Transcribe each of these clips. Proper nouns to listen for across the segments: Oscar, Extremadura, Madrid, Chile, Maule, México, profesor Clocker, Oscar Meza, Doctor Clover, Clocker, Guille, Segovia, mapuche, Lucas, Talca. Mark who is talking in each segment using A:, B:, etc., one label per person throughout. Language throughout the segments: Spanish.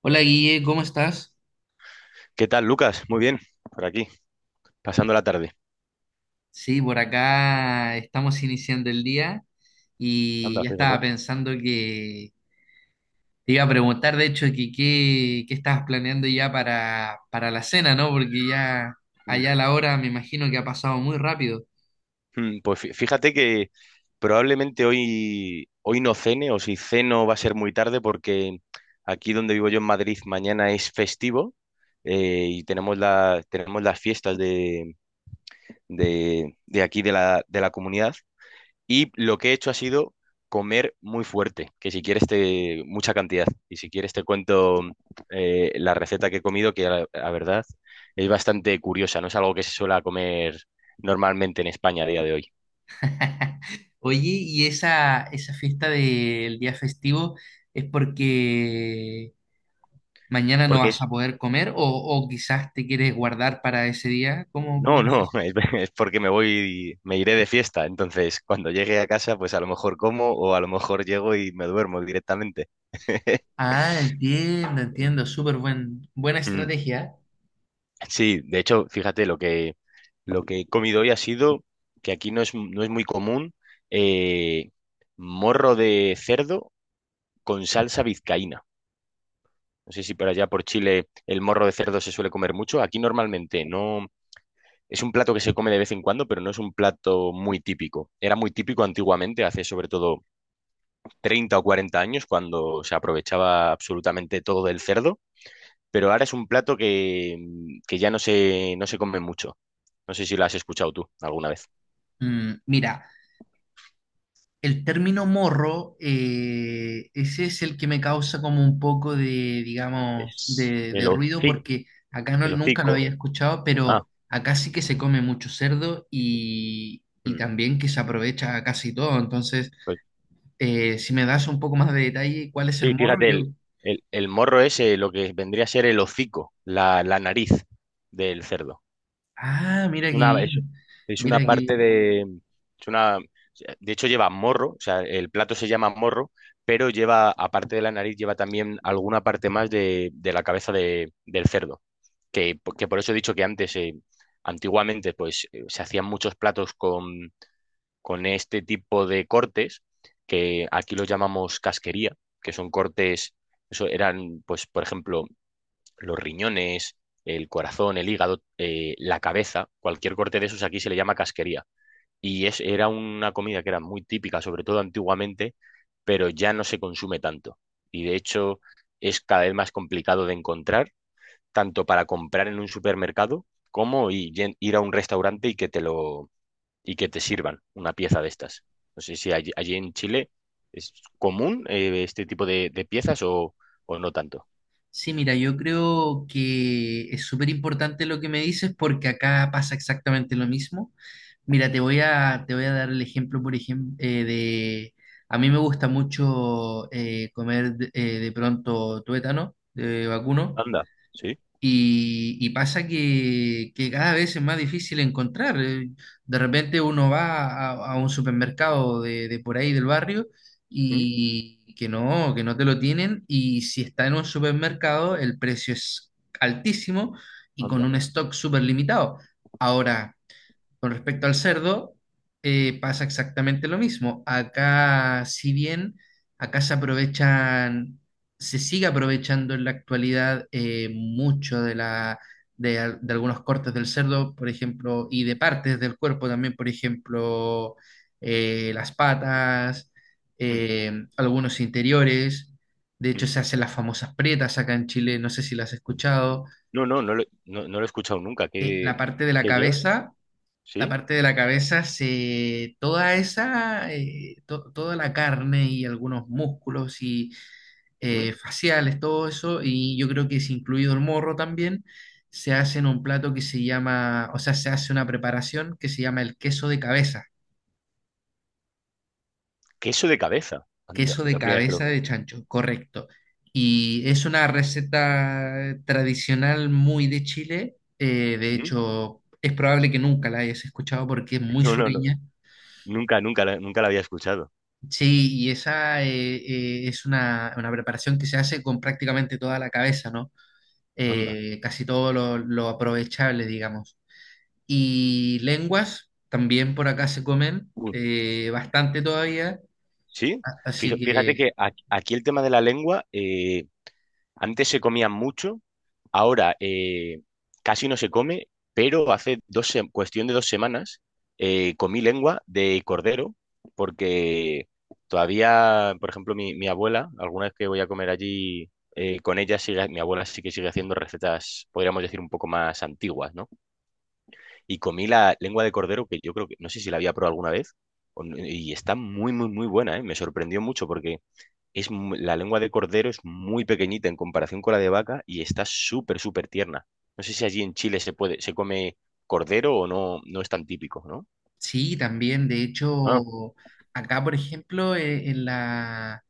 A: Hola Guille, ¿cómo estás?
B: ¿Qué tal, Lucas? Muy bien, por aquí, pasando la tarde.
A: Sí, por acá estamos iniciando el día y
B: Anda,
A: ya estaba
B: fíjate.
A: pensando que te iba a preguntar, de hecho, qué estabas planeando ya para la cena, ¿no? Porque ya
B: Mm.
A: allá la hora me imagino que ha pasado muy rápido.
B: Pues fíjate que probablemente hoy no cene, o si ceno va a ser muy tarde, porque aquí donde vivo yo en Madrid mañana es festivo, y tenemos las fiestas de aquí de la comunidad. Y lo que he hecho ha sido comer muy fuerte, que si quieres te mucha cantidad. Y si quieres te cuento la receta que he comido, que la verdad es bastante curiosa, no es algo que se suele comer normalmente en España a día de hoy.
A: Oye, ¿y esa fiesta del día festivo es porque mañana no
B: Porque
A: vas a poder comer o quizás te quieres guardar para ese día? ¿Cómo
B: no,
A: es
B: no,
A: eso?
B: es porque me voy, me iré de fiesta. Entonces, cuando llegue a casa, pues a lo mejor como o a lo mejor llego y me duermo directamente.
A: Ah, entiendo, entiendo, súper buena
B: Mm.
A: estrategia.
B: Sí, de hecho, fíjate, lo que he comido hoy ha sido que aquí no es muy común, eh, morro de cerdo con salsa vizcaína. No sé si por allá por Chile el morro de cerdo se suele comer mucho. Aquí normalmente no. Es un plato que se come de vez en cuando, pero no es un plato muy típico. Era muy típico antiguamente, hace sobre todo 30 o 40 años, cuando se aprovechaba absolutamente todo del cerdo, pero ahora es un plato que ya no se come mucho. No sé si lo has escuchado tú alguna vez.
A: Mm, mira, el término morro, ese es el que me causa como un poco de, digamos,
B: Es
A: de,
B: el
A: de ruido,
B: hocico.
A: porque acá no,
B: El
A: nunca lo
B: hocico.
A: había escuchado,
B: Ah,
A: pero acá sí que se come mucho cerdo y
B: mm,
A: también que se aprovecha casi todo. Entonces,
B: pues
A: si me das un poco más de detalle, ¿cuál es el
B: sí,
A: morro?
B: fíjate,
A: Yo,
B: el morro es, lo que vendría a ser el hocico, la nariz del cerdo.
A: ah, mira
B: Es
A: que
B: una, es,
A: bien,
B: es una
A: mira
B: parte
A: que
B: de. Es una, de hecho, lleva morro, o sea, el plato se llama morro, pero lleva, aparte de la nariz, lleva también alguna parte más de la cabeza del cerdo. Que por eso he dicho que antes, antiguamente, pues se hacían muchos platos con este tipo de cortes, que aquí los llamamos casquería, que son cortes, eso eran, pues, por ejemplo, los riñones, el corazón, el hígado, la cabeza, cualquier corte de esos aquí se le llama casquería. Y era una comida que era muy típica, sobre todo antiguamente, pero ya no se consume tanto. Y de hecho es cada vez más complicado de encontrar, tanto para comprar en un supermercado como ir a un restaurante y que te sirvan una pieza de estas. No sé si allí en Chile es común, este tipo de piezas o no tanto.
A: sí, mira, yo creo que es súper importante lo que me dices porque acá pasa exactamente lo mismo. Mira, te voy a dar el ejemplo, por ejemplo, de... A mí me gusta mucho comer de pronto tuétano, de vacuno.
B: Anda, sí.
A: Y pasa que cada vez es más difícil encontrar. De repente uno a un supermercado de por ahí del barrio
B: ¿Mm?
A: y que no te lo tienen. Y si está en un supermercado, el precio es altísimo y con
B: Anda.
A: un stock súper limitado. Ahora, con respecto al cerdo, pasa exactamente lo mismo. Acá, si bien acá se aprovechan, se sigue aprovechando en la actualidad mucho de la, de, de algunos cortes del cerdo, por ejemplo, y de partes del cuerpo también, por ejemplo, las patas,
B: Mm,
A: algunos interiores. De hecho,
B: mm,
A: se hacen las famosas pretas acá en Chile, no sé si las has
B: mm.
A: escuchado.
B: No, no, no lo he escuchado nunca.
A: Eh,
B: ¿Qué,
A: la parte de la
B: qué llevas?
A: cabeza la
B: ¿Sí?
A: parte de la cabeza, se, toda esa, toda la carne y algunos músculos y
B: ¿Mm?
A: faciales, todo eso, y yo creo que es incluido el morro también, se hace en un plato que se llama, o sea, se hace una preparación que se llama el
B: Queso de cabeza. Anda,
A: queso de
B: la primera vez que lo.
A: cabeza de chancho, correcto. Y es una receta tradicional muy de Chile, de
B: ¿Mm?
A: hecho, es probable que nunca la hayas escuchado porque es muy
B: No, no, no.
A: sureña.
B: Nunca, nunca, nunca la había escuchado.
A: Sí, y esa es una preparación que se hace con prácticamente toda la cabeza, ¿no?
B: Anda.
A: Casi todo lo aprovechable, digamos. Y lenguas también por acá se comen
B: Uy,
A: bastante todavía,
B: ¿sí?
A: así que
B: Fíjate que aquí el tema de la lengua, antes se comía mucho, ahora, casi no se come, pero hace cuestión de 2 semanas, comí lengua de cordero, porque todavía, por ejemplo, mi abuela, alguna vez que voy a comer allí con ella, mi abuela sí que sigue haciendo recetas, podríamos decir, un poco más antiguas, ¿no? Y comí la lengua de cordero, que yo creo que, no sé si la había probado alguna vez, o no- y está muy, muy, muy buena, ¿eh? Me sorprendió mucho porque la lengua de cordero es muy pequeñita en comparación con la de vaca y está súper, súper tierna. No sé si allí en Chile se come cordero o no, no es tan típico, ¿no?
A: sí, también, de
B: Ah,
A: hecho, acá, por ejemplo, en la,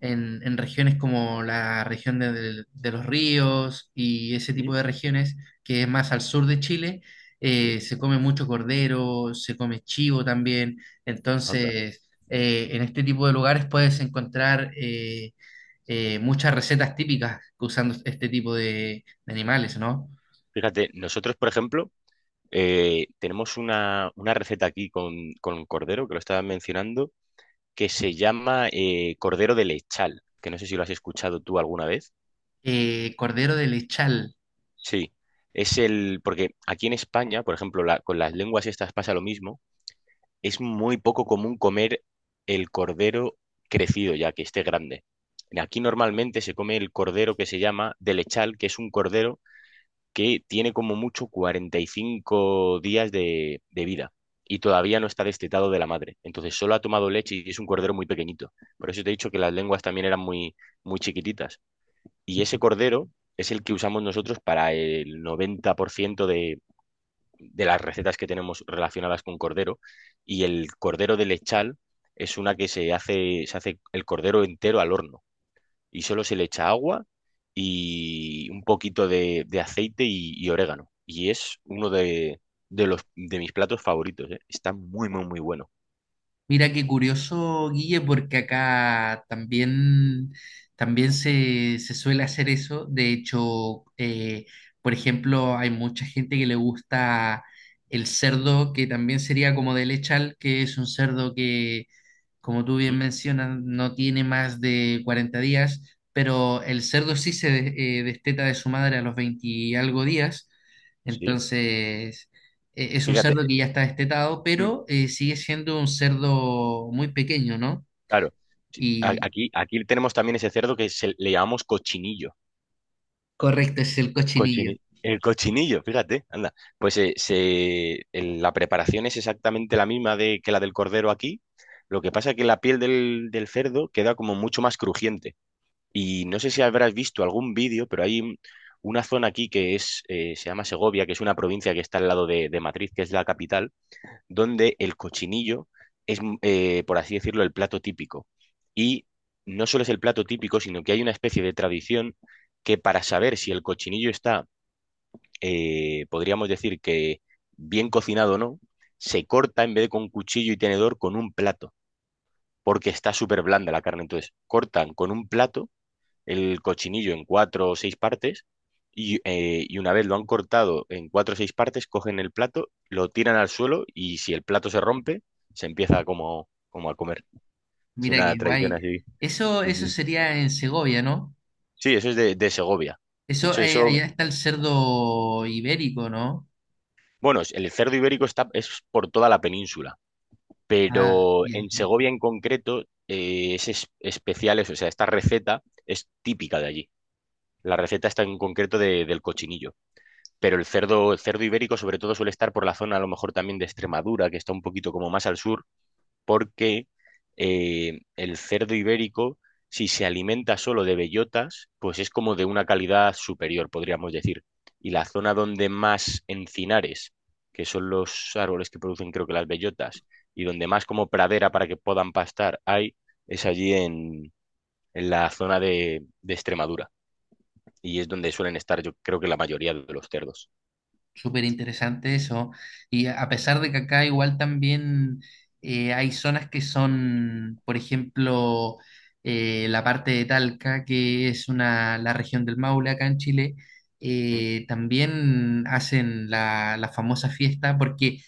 A: en regiones como la región de, de los ríos y ese tipo
B: sí,
A: de regiones, que es más al sur de Chile,
B: sí,
A: se come mucho cordero, se come chivo también.
B: anda.
A: Entonces, en este tipo de lugares puedes encontrar muchas recetas típicas usando este tipo de animales, ¿no?
B: Fíjate, nosotros, por ejemplo, tenemos una receta aquí con cordero, que lo estaba mencionando, que se llama, cordero de lechal, que no sé si lo has escuchado tú alguna vez.
A: Cordero de lechal.
B: Sí, porque aquí en España, por ejemplo, con las lenguas estas pasa lo mismo. Es muy poco común comer el cordero crecido, ya que esté grande. Aquí normalmente se come el cordero que se llama de lechal, que es un cordero que tiene como mucho 45 días de vida y todavía no está destetado de la madre. Entonces solo ha tomado leche y es un cordero muy pequeñito. Por eso te he dicho que las lenguas también eran muy, muy chiquititas. Y ese cordero es el que usamos nosotros para el 90% de las recetas que tenemos relacionadas con cordero. Y el cordero de lechal es una que se hace el cordero entero al horno y solo se le echa agua y un poquito de aceite y orégano. Y es uno de mis platos favoritos, ¿eh? Está muy, muy, muy bueno.
A: Mira qué curioso, Guille, porque acá también, también se suele hacer eso. De hecho, por ejemplo, hay mucha gente que le gusta el cerdo, que también sería como de lechal, que es un cerdo que, como tú bien
B: ¿Mm?
A: mencionas, no tiene más de 40 días, pero el cerdo sí se desteta de su madre a los 20 y algo días,
B: Sí,
A: entonces es un
B: fíjate,
A: cerdo que ya está destetado,
B: mm,
A: pero sigue siendo un cerdo muy pequeño, ¿no?
B: claro. Sí, a-
A: Y
B: Aquí, aquí tenemos también ese cerdo que le llamamos cochinillo.
A: correcto, es el cochinillo.
B: El cochinillo, fíjate, anda. Pues la preparación es exactamente la misma, que la del cordero aquí. Lo que pasa es que la piel del cerdo queda como mucho más crujiente. Y no sé si habrás visto algún vídeo, pero hay una zona aquí se llama Segovia, que es una provincia que está al lado de Madrid, que es la capital, donde el cochinillo es, por así decirlo, el plato típico. Y no solo es el plato típico, sino que hay una especie de tradición que para saber si el cochinillo está, podríamos decir que bien cocinado, o ¿no? Se corta en vez de con cuchillo y tenedor con un plato, porque está súper blanda la carne. Entonces, cortan con un plato el cochinillo en cuatro o seis partes y una vez lo han cortado en cuatro o seis partes, cogen el plato, lo tiran al suelo y si el plato se rompe, se empieza como a comer. Es
A: Mira
B: una
A: qué
B: tradición
A: guay.
B: así.
A: Eso,
B: Sí,
A: ¿eso
B: sí.
A: sería en Segovia, no?
B: Sí, eso es de Segovia. De
A: Eso,
B: hecho, eso,
A: allá está el cerdo ibérico, ¿no?
B: bueno, el cerdo ibérico es por toda la península.
A: Ah,
B: Pero
A: bien,
B: en
A: bien.
B: Segovia en concreto, es especial, eso, o sea, esta receta es típica de allí. La receta está en concreto del cochinillo, pero el cerdo ibérico sobre todo suele estar por la zona a lo mejor también de Extremadura, que está un poquito como más al sur, porque el cerdo ibérico, si se alimenta solo de bellotas, pues es como de una calidad superior, podríamos decir. Y la zona donde más encinares, que son los árboles que producen creo que las bellotas, y donde más como pradera para que puedan pastar hay, es allí en la zona de Extremadura. Y es donde suelen estar, yo creo que la mayoría de los cerdos.
A: Súper interesante eso. Y a pesar de que acá igual también hay zonas que son, por ejemplo, la parte de Talca, que es una, la región del Maule acá en Chile,
B: Mm,
A: también hacen la, la famosa fiesta, porque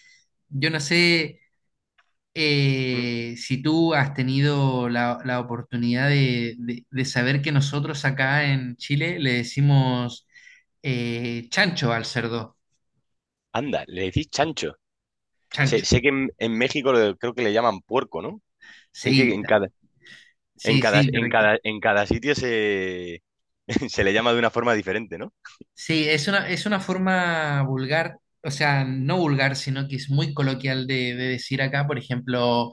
A: yo no sé
B: mm.
A: si tú has tenido la, la oportunidad de, de saber que nosotros acá en Chile le decimos chancho al cerdo,
B: Anda, le decís chancho. Sé,
A: chancho.
B: sé que en México creo que le llaman puerco, ¿no? Es que
A: Sí,
B: en cada, en
A: sí,
B: cada,
A: sí,
B: en
A: correcto.
B: cada, en cada sitio se le llama de una forma diferente, ¿no?
A: Sí, es una forma vulgar, o sea, no vulgar, sino que es muy coloquial de decir acá, por ejemplo,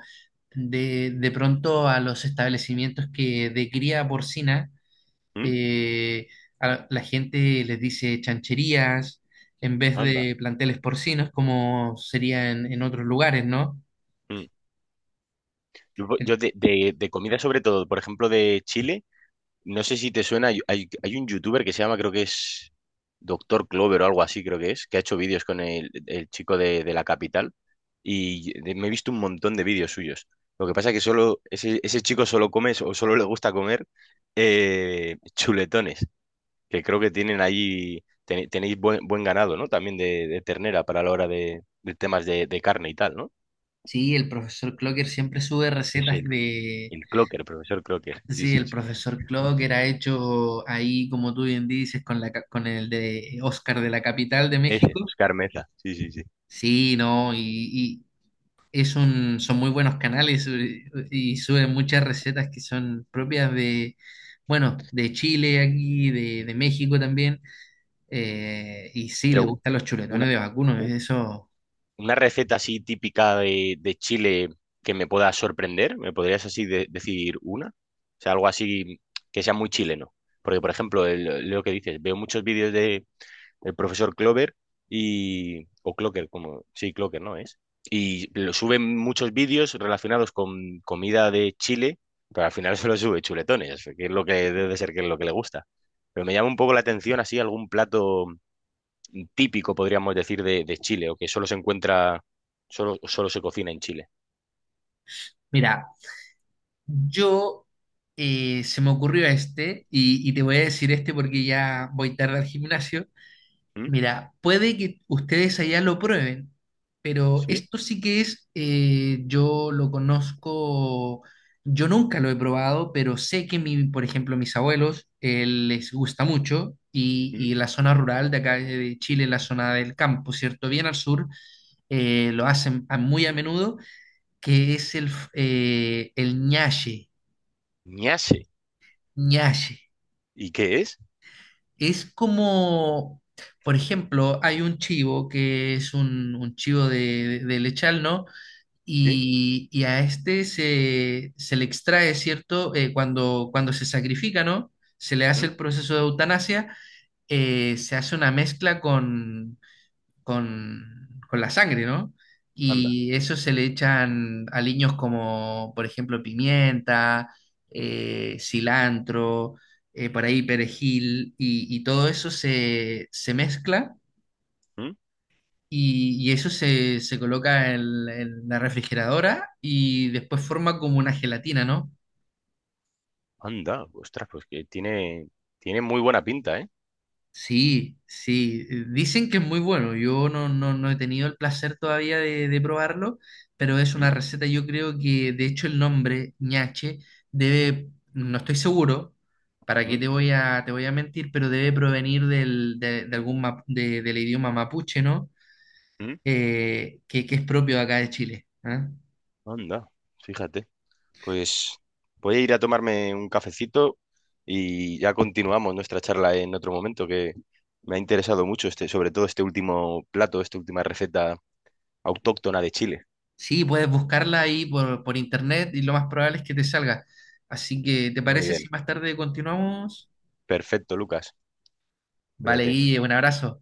A: de pronto a los establecimientos que de cría porcina,
B: ¿Mm?
A: eh, a la gente les dice chancherías en vez
B: Anda.
A: de planteles porcinos, como sería en otros lugares, ¿no?
B: Mm. Yo,
A: El-
B: yo de comida sobre todo, por ejemplo, de Chile. No sé si te suena, hay un youtuber que se llama, creo que es Doctor Clover o algo así, que ha hecho vídeos con el chico de la capital y me he visto un montón de vídeos suyos. Lo que pasa es que solo ese chico solo o solo le gusta comer, chuletones, que creo que tienen ahí, tenéis buen ganado, ¿no? También de ternera para la hora de temas de carne y tal, ¿no?
A: sí, el profesor Clocker siempre sube
B: Es
A: recetas
B: el,
A: de
B: el Clocker, profesor Clocker, sí,
A: sí,
B: sí,
A: el
B: sí.
A: profesor Clock era hecho ahí, como tú bien dices, con la, con el de Oscar de la capital de
B: Ese,
A: México.
B: Oscar Meza, sí, sí, sí.
A: Sí, no, y es un, son muy buenos canales y suben muchas recetas que son propias de, bueno, de Chile aquí, de México también. Y sí, le
B: Pero
A: gustan los
B: una,
A: chuletones de vacuno, eso.
B: Una receta así típica de Chile que me pueda sorprender, ¿me podrías así decir una? O sea, algo así que sea muy chileno. Porque, por ejemplo, lo que dices, veo muchos vídeos del profesor Clover y, o Clocker, como. Sí, Clocker, ¿no es? Y lo suben muchos vídeos relacionados con comida de Chile, pero al final solo sube chuletones, que es lo que debe de ser que es lo que le gusta. Pero me llama un poco la atención así algún plato típico, podríamos decir, de Chile, o que solo se cocina en Chile.
A: Mira, yo se me ocurrió este y te voy a decir este porque ya voy tarde al gimnasio.
B: ¿Mm?
A: Mira, puede que ustedes allá lo prueben, pero
B: ¿Sí?
A: esto sí que es, yo lo conozco, yo nunca lo he probado, pero sé que mi, por ejemplo, mis abuelos les gusta mucho
B: ¿Mm?
A: y la zona rural de acá de Chile, la zona del campo, ¿cierto? Bien al sur, lo hacen muy a menudo, que es el, el ñache,
B: Ñase.
A: ñache.
B: ¿Y qué es?
A: Es como, por ejemplo, hay un chivo que es un chivo de lechal, ¿no?
B: ¿Sí?
A: Y a este se, se le extrae, ¿cierto? Cuando, cuando se sacrifica, ¿no? Se le hace
B: ¿Mm?
A: el proceso de eutanasia, se hace una mezcla con la sangre, ¿no?
B: Anda.
A: Y eso se le echan aliños como, por ejemplo, pimienta, cilantro, por ahí perejil, y todo eso se, se mezcla
B: ¿Mm?
A: y eso se, se coloca en la refrigeradora y después forma como una gelatina, ¿no?
B: Anda. Ostras, pues que tiene muy buena pinta, ¿eh?
A: Sí, sí, dicen que es muy bueno. Yo no, no, no he tenido el placer todavía de probarlo, pero es
B: ¿Mm?
A: una receta, yo creo que de hecho el nombre ñache debe, no estoy seguro, para qué
B: ¿Mm?
A: te voy a mentir, pero debe provenir del, de algún del idioma mapuche, ¿no?
B: ¿Mm?
A: Que es propio de acá de Chile. ¿Ah?
B: Anda. Fíjate. Pues voy a ir a tomarme un cafecito y ya continuamos nuestra charla en otro momento, que me ha interesado mucho este, sobre todo este último plato, esta última receta autóctona de Chile.
A: Sí, puedes buscarla ahí por internet y lo más probable es que te salga. Así que, ¿te
B: Muy
A: parece si
B: bien.
A: más tarde continuamos?
B: Perfecto, Lucas.
A: Vale,
B: Fíjate
A: Guille, un abrazo.